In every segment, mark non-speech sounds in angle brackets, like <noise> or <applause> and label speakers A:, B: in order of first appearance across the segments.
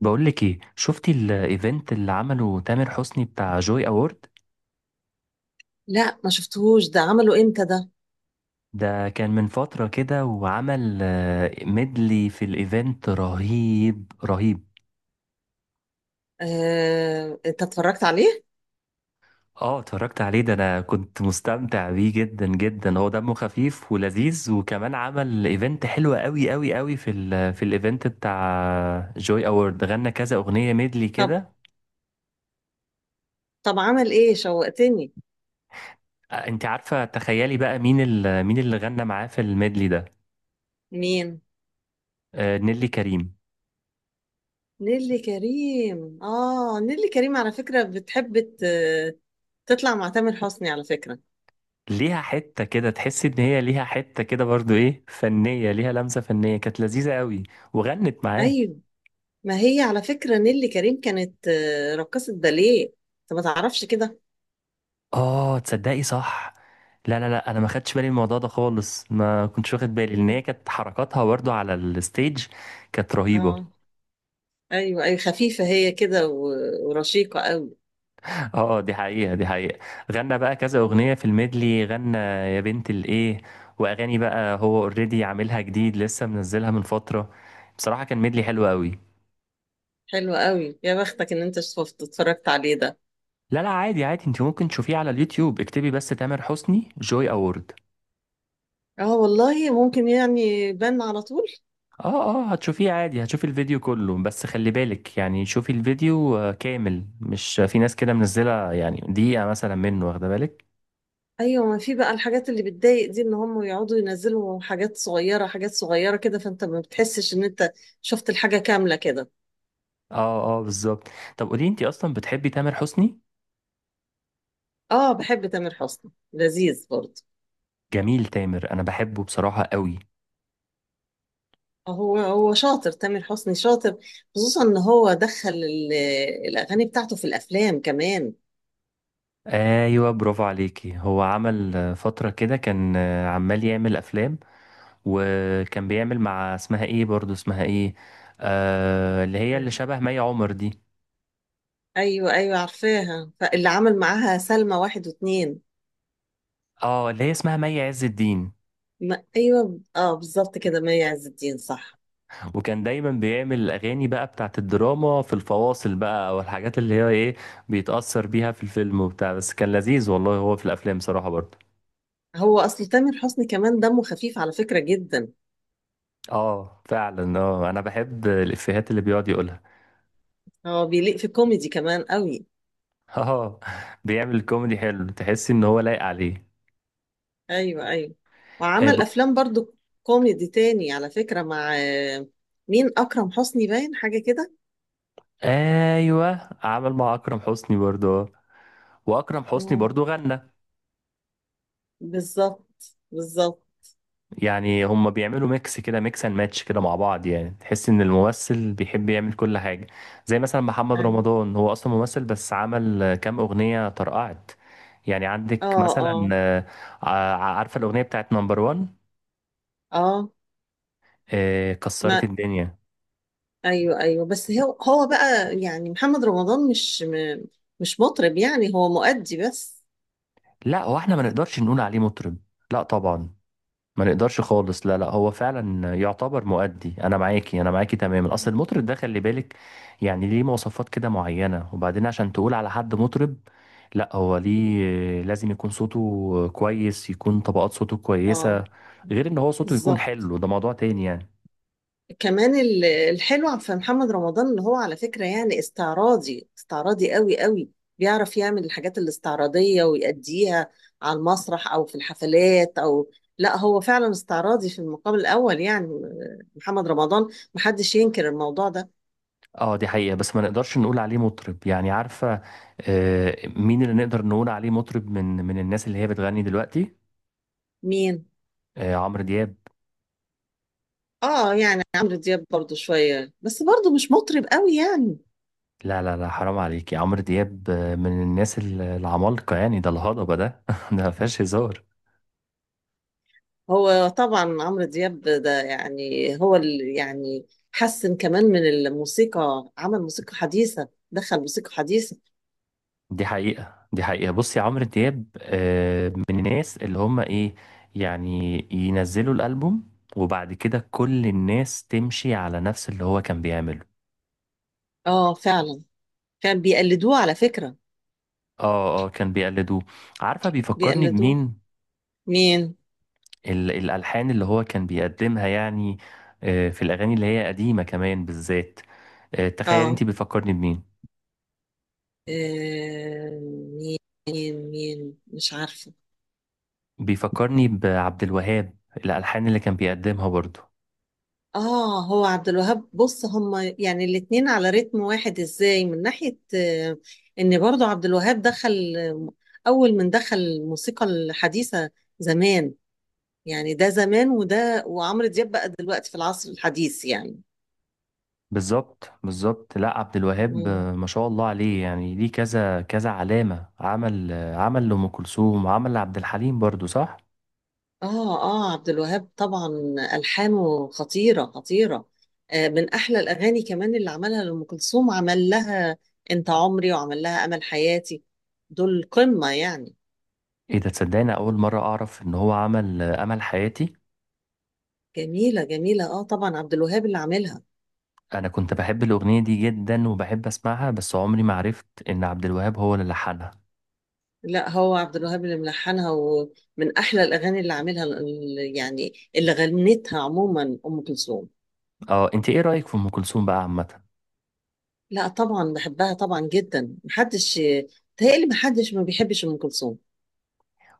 A: بقول لك ايه، شفتي الايفنت اللي عمله تامر حسني بتاع جوي اوورد؟
B: لا، ما شفتهوش. ده عمله امتى ده؟
A: ده كان من فترة كده وعمل ميدلي في الايفنت رهيب رهيب.
B: انت اتفرجت عليه؟
A: اه اتفرجت عليه، ده انا كنت مستمتع بيه جدا جدا. هو دمه خفيف ولذيذ، وكمان عمل ايفنت حلو قوي قوي قوي في ال في الايفنت بتاع جوي اوورد. غنى كذا اغنية ميدلي
B: طب.
A: كده.
B: طب عمل ايه؟ شوقتني.
A: انت عارفة، تخيلي بقى مين مين اللي غنى معاه في الميدلي ده.
B: مين؟
A: نيلي كريم.
B: نيلي كريم. اه، نيلي كريم على فكرة بتحب تطلع مع تامر حسني على فكرة.
A: ليها حتة كده، تحس ان هي ليها حتة كده برضو ايه، فنية، ليها لمسة فنية، كانت لذيذة قوي. وغنت معاه.
B: ايوه. ما هي على فكرة نيلي كريم كانت رقصة باليه. انت ما تعرفش كده؟
A: اه تصدقي صح. لا لا لا، انا ما خدتش بالي من الموضوع ده خالص، ما كنتش واخد بالي، لان
B: مم.
A: هي كانت حركاتها برضو على الستيج كانت رهيبة.
B: اه. ايوه، ايوه، خفيفة هي كده ورشيقة قوي.
A: اه دي حقيقة دي حقيقة. غنى بقى كذا اغنية في الميدلي، غنى يا بنت الايه، واغاني بقى هو اوريدي عاملها جديد لسه، منزلها من فترة. بصراحة كان ميدلي حلو قوي.
B: حلوة قوي، يا بختك ان انت شفت اتفرجت عليه ده.
A: لا لا، عادي عادي، انت ممكن تشوفيه على اليوتيوب، اكتبي بس تامر حسني جوي اوورد.
B: اه والله، ممكن يعني بان على طول.
A: اه اه، هتشوفيه عادي، هتشوفي الفيديو كله، بس خلي بالك يعني، شوفي الفيديو كامل، مش في ناس كده منزلة يعني دقيقة مثلا منه، واخدة بالك.
B: ايوه. ما في بقى الحاجات اللي بتضايق دي، ان هم يقعدوا ينزلوا حاجات صغيره حاجات صغيره كده، فانت ما بتحسش ان انت شفت الحاجه كامله كده.
A: اه اه بالظبط. طب قولي، انت اصلا بتحبي تامر حسني؟
B: اه، بحب تامر حسني، لذيذ برضه.
A: جميل تامر، انا بحبه بصراحة قوي.
B: هو شاطر، تامر حسني شاطر. خصوصا ان هو دخل الاغاني بتاعته في الافلام كمان.
A: ايوه برافو عليكي. هو عمل فترة كده كان عمال يعمل افلام، وكان بيعمل مع اسمها ايه برضو، اسمها ايه، اللي هي اللي
B: آه.
A: شبه مي عمر دي.
B: ايوه، ايوه، عارفاها. فاللي عمل معاها سلمى واحد واتنين.
A: اه اللي هي اسمها مي عز الدين.
B: ما ايوه، اه، بالظبط كده، مي عز الدين، صح.
A: وكان دايما بيعمل الاغاني بقى بتاعت الدراما في الفواصل بقى، او الحاجات اللي هي ايه، بيتأثر بيها في الفيلم وبتاع. بس كان لذيذ والله هو في الافلام صراحة برضو.
B: هو اصل تامر حسني كمان دمه خفيف على فكرة جدا.
A: اه فعلا، اه انا بحب الافيهات اللي بيقعد يقولها.
B: هو بيليق في كوميدي كمان قوي.
A: <laughs> اه. بيعمل كوميدي حلو، تحس ان هو لايق عليه.
B: ايوه، ايوه.
A: آه ب...
B: وعمل افلام برضو كوميدي تاني على فكرة، مع مين؟ اكرم حسني، باين حاجة كده.
A: ايوه، عمل مع اكرم حسني برضو، واكرم حسني
B: مم.
A: برضو غنى.
B: بالظبط، بالظبط.
A: يعني هم بيعملوا ميكس كده، ميكس اند ماتش كده مع بعض. يعني تحس ان الممثل بيحب يعمل كل حاجة. زي مثلا محمد
B: ايوه.
A: رمضان، هو اصلا ممثل، بس عمل كام اغنية طرقعت. يعني عندك
B: اه
A: مثلا،
B: اه،
A: ع- عارفة الاغنية بتاعت نمبر وان،
B: اه.
A: كسرت
B: ما
A: الدنيا.
B: ايوه، ايوه، بس هو بقى يعني محمد رمضان مش مش مطرب، يعني هو مؤدي بس.
A: لا هو احنا ما نقدرش نقول عليه مطرب، لا طبعا، ما نقدرش خالص، لا لا، هو فعلا يعتبر مؤدي، انا معاكي انا معاكي تماما. اصل المطرب ده خلي بالك يعني، ليه مواصفات كده معينة. وبعدين عشان تقول على حد مطرب، لا هو ليه لازم يكون صوته كويس، يكون طبقات صوته
B: اه.
A: كويسة. غير ان هو صوته يكون
B: بالظبط.
A: حلو، ده موضوع تاني يعني.
B: كمان الحلو في محمد رمضان اللي هو على فكرة يعني استعراضي، استعراضي قوي قوي. بيعرف يعمل الحاجات الاستعراضية ويأديها على المسرح أو في الحفلات أو... لا هو فعلا استعراضي في المقام الأول، يعني محمد رمضان، محدش ينكر الموضوع ده.
A: اه دي حقيقة، بس ما نقدرش نقول عليه مطرب يعني، عارفة. مين اللي نقدر نقول عليه مطرب من الناس اللي هي بتغني دلوقتي؟
B: مين؟
A: عمرو دياب.
B: اه، يعني عمرو دياب برضو شوية، بس برضو مش مطرب قوي يعني.
A: لا لا لا، حرام عليكي، عمرو دياب من الناس العمالقة يعني، ده الهضبة ده، <laughs> ده ما فيهاش هزار.
B: هو طبعا عمرو دياب ده، يعني هو اللي يعني حسن كمان من الموسيقى، عمل موسيقى حديثة، دخل موسيقى حديثة.
A: دي حقيقة دي حقيقة. بصي عمرو دياب من الناس اللي هم ايه، يعني ينزلوا الألبوم، وبعد كده كل الناس تمشي على نفس اللي هو كان بيعمله.
B: اه فعلا. فعلا بيقلدوه على فكرة.
A: اه اه كان بيقلدوه. عارفة بيفكرني
B: بيقلدوه.
A: بمين؟
B: مين؟
A: الألحان اللي هو كان بيقدمها يعني، في الأغاني اللي هي قديمة كمان بالذات. تخيلي،
B: اه.
A: انت بيفكرني بمين؟
B: آه، مين مين مين؟ مش عارفة.
A: بيفكرني بعبد الوهاب، الألحان اللي كان بيقدمها برضه.
B: اه، هو عبد الوهاب. بص، هما يعني الاتنين على رتم واحد ازاي، من ناحية ان برضو عبد الوهاب دخل اول من دخل الموسيقى الحديثة زمان. يعني ده زمان، وده وعمرو دياب بقى دلوقتي في العصر الحديث يعني.
A: بالظبط بالظبط. لا عبد الوهاب
B: مم.
A: ما شاء الله عليه يعني، ليه كذا كذا علامة. عمل عمل لأم كلثوم، وعمل لعبد الحليم برضه، صح؟
B: اه، اه، عبد الوهاب طبعا. ألحانه خطيرة، خطيرة. من أحلى الأغاني كمان اللي عملها لأم كلثوم، عمل لها أنت عمري، وعمل لها أمل حياتي. دول قمة يعني.
A: ايه ده، تصدقني أول مرة أعرف إن هو عمل أمل حياتي.
B: جميلة، جميلة، اه طبعا، عبد الوهاب اللي عاملها.
A: أنا كنت بحب الأغنية دي جدا وبحب أسمعها، بس عمري ما عرفت إن عبد الوهاب هو اللي لحنها.
B: لا، هو عبد الوهاب اللي ملحنها، ومن أحلى الأغاني اللي عاملها يعني اللي غنتها عموما أم كلثوم.
A: اه، انت ايه رأيك في أم كلثوم بقى عامة؟
B: لا، طبعا بحبها طبعا جدا، محدش، تهيألي محدش ما بيحبش ام كلثوم.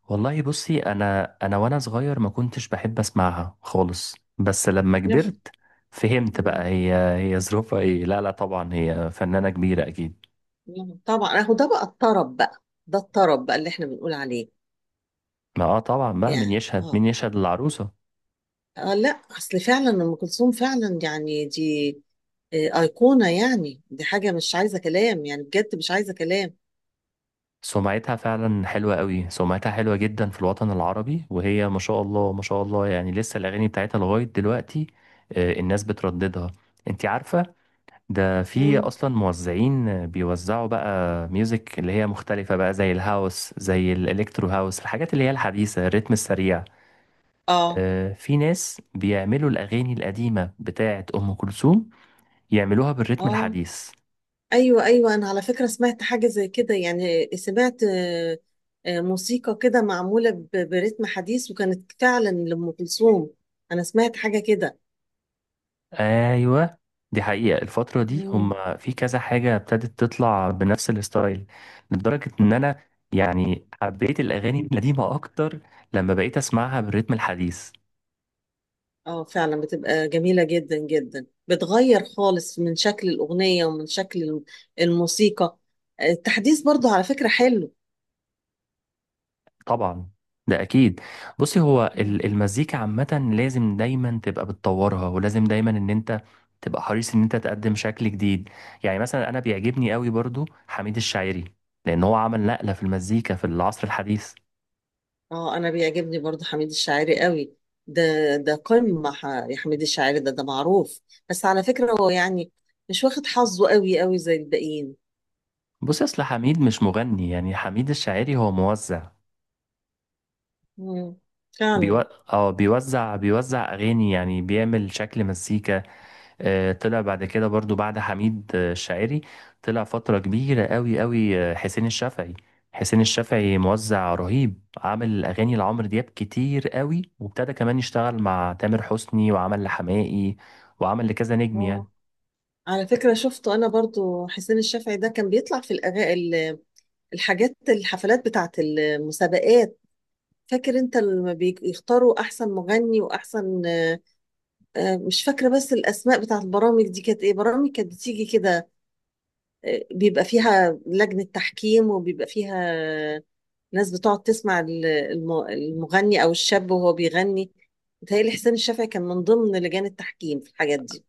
A: والله بصي، انا وانا صغير ما كنتش بحب اسمعها خالص، بس لما
B: يخ.
A: كبرت فهمت بقى
B: مم.
A: هي ظروفها ايه. لا لا طبعا هي فنانة كبيرة اكيد.
B: يخ. طبعا اهو ده بقى الطرب بقى، ده الطرب بقى اللي احنا بنقول عليه.
A: ما اه طبعا بقى، مين
B: يعني
A: يشهد
B: اه.
A: مين يشهد للعروسة.
B: لا اصل فعلا ام كلثوم فعلا يعني دي ايقونه، يعني دي حاجه مش عايزه كلام يعني، بجد مش عايزه كلام.
A: سمعتها فعلا حلوة قوي، سمعتها حلوة جدا في الوطن العربي، وهي ما شاء الله ما شاء الله يعني، لسه الاغاني بتاعتها لغاية دلوقتي الناس بترددها. انت عارفة، ده في
B: مم.
A: اصلا موزعين بيوزعوا بقى ميوزك اللي هي مختلفة بقى، زي الهاوس، زي الالكترو هاوس، الحاجات اللي هي الحديثة، الريتم السريع.
B: اه،
A: في ناس بيعملوا الاغاني القديمة بتاعة ام كلثوم، يعملوها بالريتم
B: اه.
A: الحديث.
B: ايوه، ايوه، انا على فكره سمعت حاجه زي كده، يعني سمعت موسيقى كده معموله برتم حديث، وكانت فعلا لام كلثوم. انا سمعت حاجه كده.
A: ايوه دي حقيقة، الفترة دي
B: مم.
A: هم في كذا حاجة ابتدت تطلع بنفس الستايل، لدرجة ان انا يعني حبيت الاغاني القديمة اكتر لما بقيت اسمعها بالريتم الحديث.
B: اه فعلا، بتبقى جميله جدا جدا، بتغير خالص من شكل الاغنيه ومن شكل الموسيقى. التحديث برضو على فكره حلو.
A: طبعا ده اكيد. بصي، هو المزيكا عامة لازم دايما تبقى بتطورها، ولازم دايما ان انت تبقى حريص ان انت تقدم شكل جديد. يعني مثلا انا بيعجبني قوي برضو حميد الشاعري، لان هو عمل نقلة في المزيكا في العصر الحديث.
B: اه، انا بيعجبني برضو حميد الشاعري قوي. ده، ده قمة، يا حميد الشاعري، ده معروف. بس على فكرة هو يعني مش واخد حظه قوي قوي زي الباقيين.
A: بصي اصل حميد مش مغني، يعني حميد الشاعري هو موزع.
B: مم.
A: بيو...
B: فعلا.
A: اه بيوزع، اغاني، يعني بيعمل شكل مزيكا. طلع بعد كده برضو، بعد حميد الشاعري، طلع فترة كبيرة قوي قوي حسين الشافعي. حسين الشافعي موزع رهيب، عامل أغاني لعمرو دياب كتير قوي، وابتدى كمان يشتغل مع تامر حسني، وعمل لحماقي، وعمل لكذا نجم يعني.
B: اه. على فكرة شفته أنا برضو، حسين الشافعي ده كان بيطلع في الحاجات، الحفلات بتاعت المسابقات. فاكر أنت لما بيختاروا أحسن مغني وأحسن مش فاكرة بس الأسماء بتاعت البرامج دي كانت إيه، برامج كانت بتيجي كده، بيبقى فيها لجنة تحكيم وبيبقى فيها ناس بتقعد تسمع المغني أو الشاب وهو بيغني. متهيألي حسين الشافعي كان من ضمن لجان التحكيم في الحاجات دي.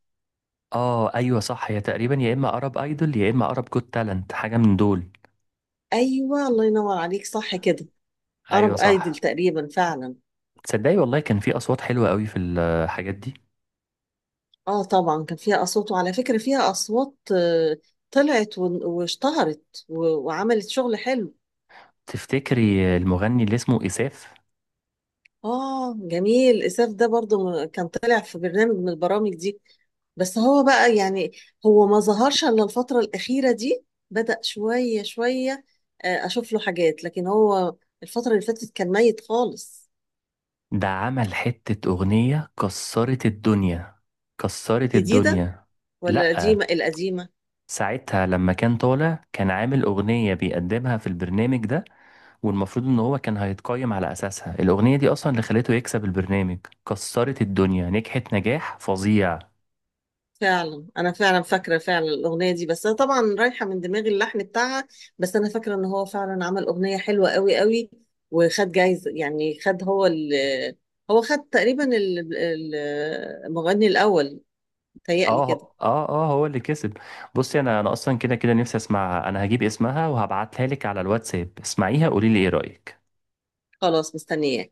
A: اه ايوه صح، هي تقريبا يا اما ارب ايدول، يا اما ارب جوت تالنت، حاجة من دول.
B: أيوة، الله ينور عليك، صح كده.
A: ايوه
B: أرب أيدل
A: صح.
B: تقريبا، فعلا.
A: تصدقي والله كان في اصوات حلوة قوي في الحاجات دي.
B: آه طبعا كان فيها أصوات، وعلى فكرة فيها أصوات طلعت واشتهرت وعملت شغل حلو.
A: تفتكري المغني اللي اسمه إساف؟
B: اه، جميل، اساف ده برضو كان طالع في برنامج من البرامج دي، بس هو بقى يعني هو ما ظهرش الا الفترة الأخيرة دي، بدأ شوية شوية اشوف له حاجات، لكن هو الفترة اللي فاتت كان ميت خالص.
A: ده عمل حتة أغنية كسرت الدنيا، كسرت
B: جديدة
A: الدنيا.
B: ولا
A: لأ،
B: قديمة؟ القديمة.
A: ساعتها لما كان طالع كان عامل أغنية بيقدمها في البرنامج ده، والمفروض إن هو كان هيتقيم على أساسها. الأغنية دي أصلا اللي خلته يكسب البرنامج، كسرت الدنيا، نجحت نجاح فظيع.
B: فعلا، انا فعلا فاكره فعلا الاغنيه دي، بس انا طبعا رايحه من دماغي اللحن بتاعها، بس انا فاكره ان هو فعلا عمل اغنيه حلوه قوي قوي، وخد جايزه، يعني خد هو ال هو خد تقريبا المغني الاول، متهيألي كده.
A: اه اه اه، هو اللي كسب. بصي انا، انا اصلا كده كده نفسي اسمعها، انا هجيب اسمها وهبعتها لك على الواتساب، اسمعيها قولي لي ايه رأيك.
B: خلاص، مستنياه.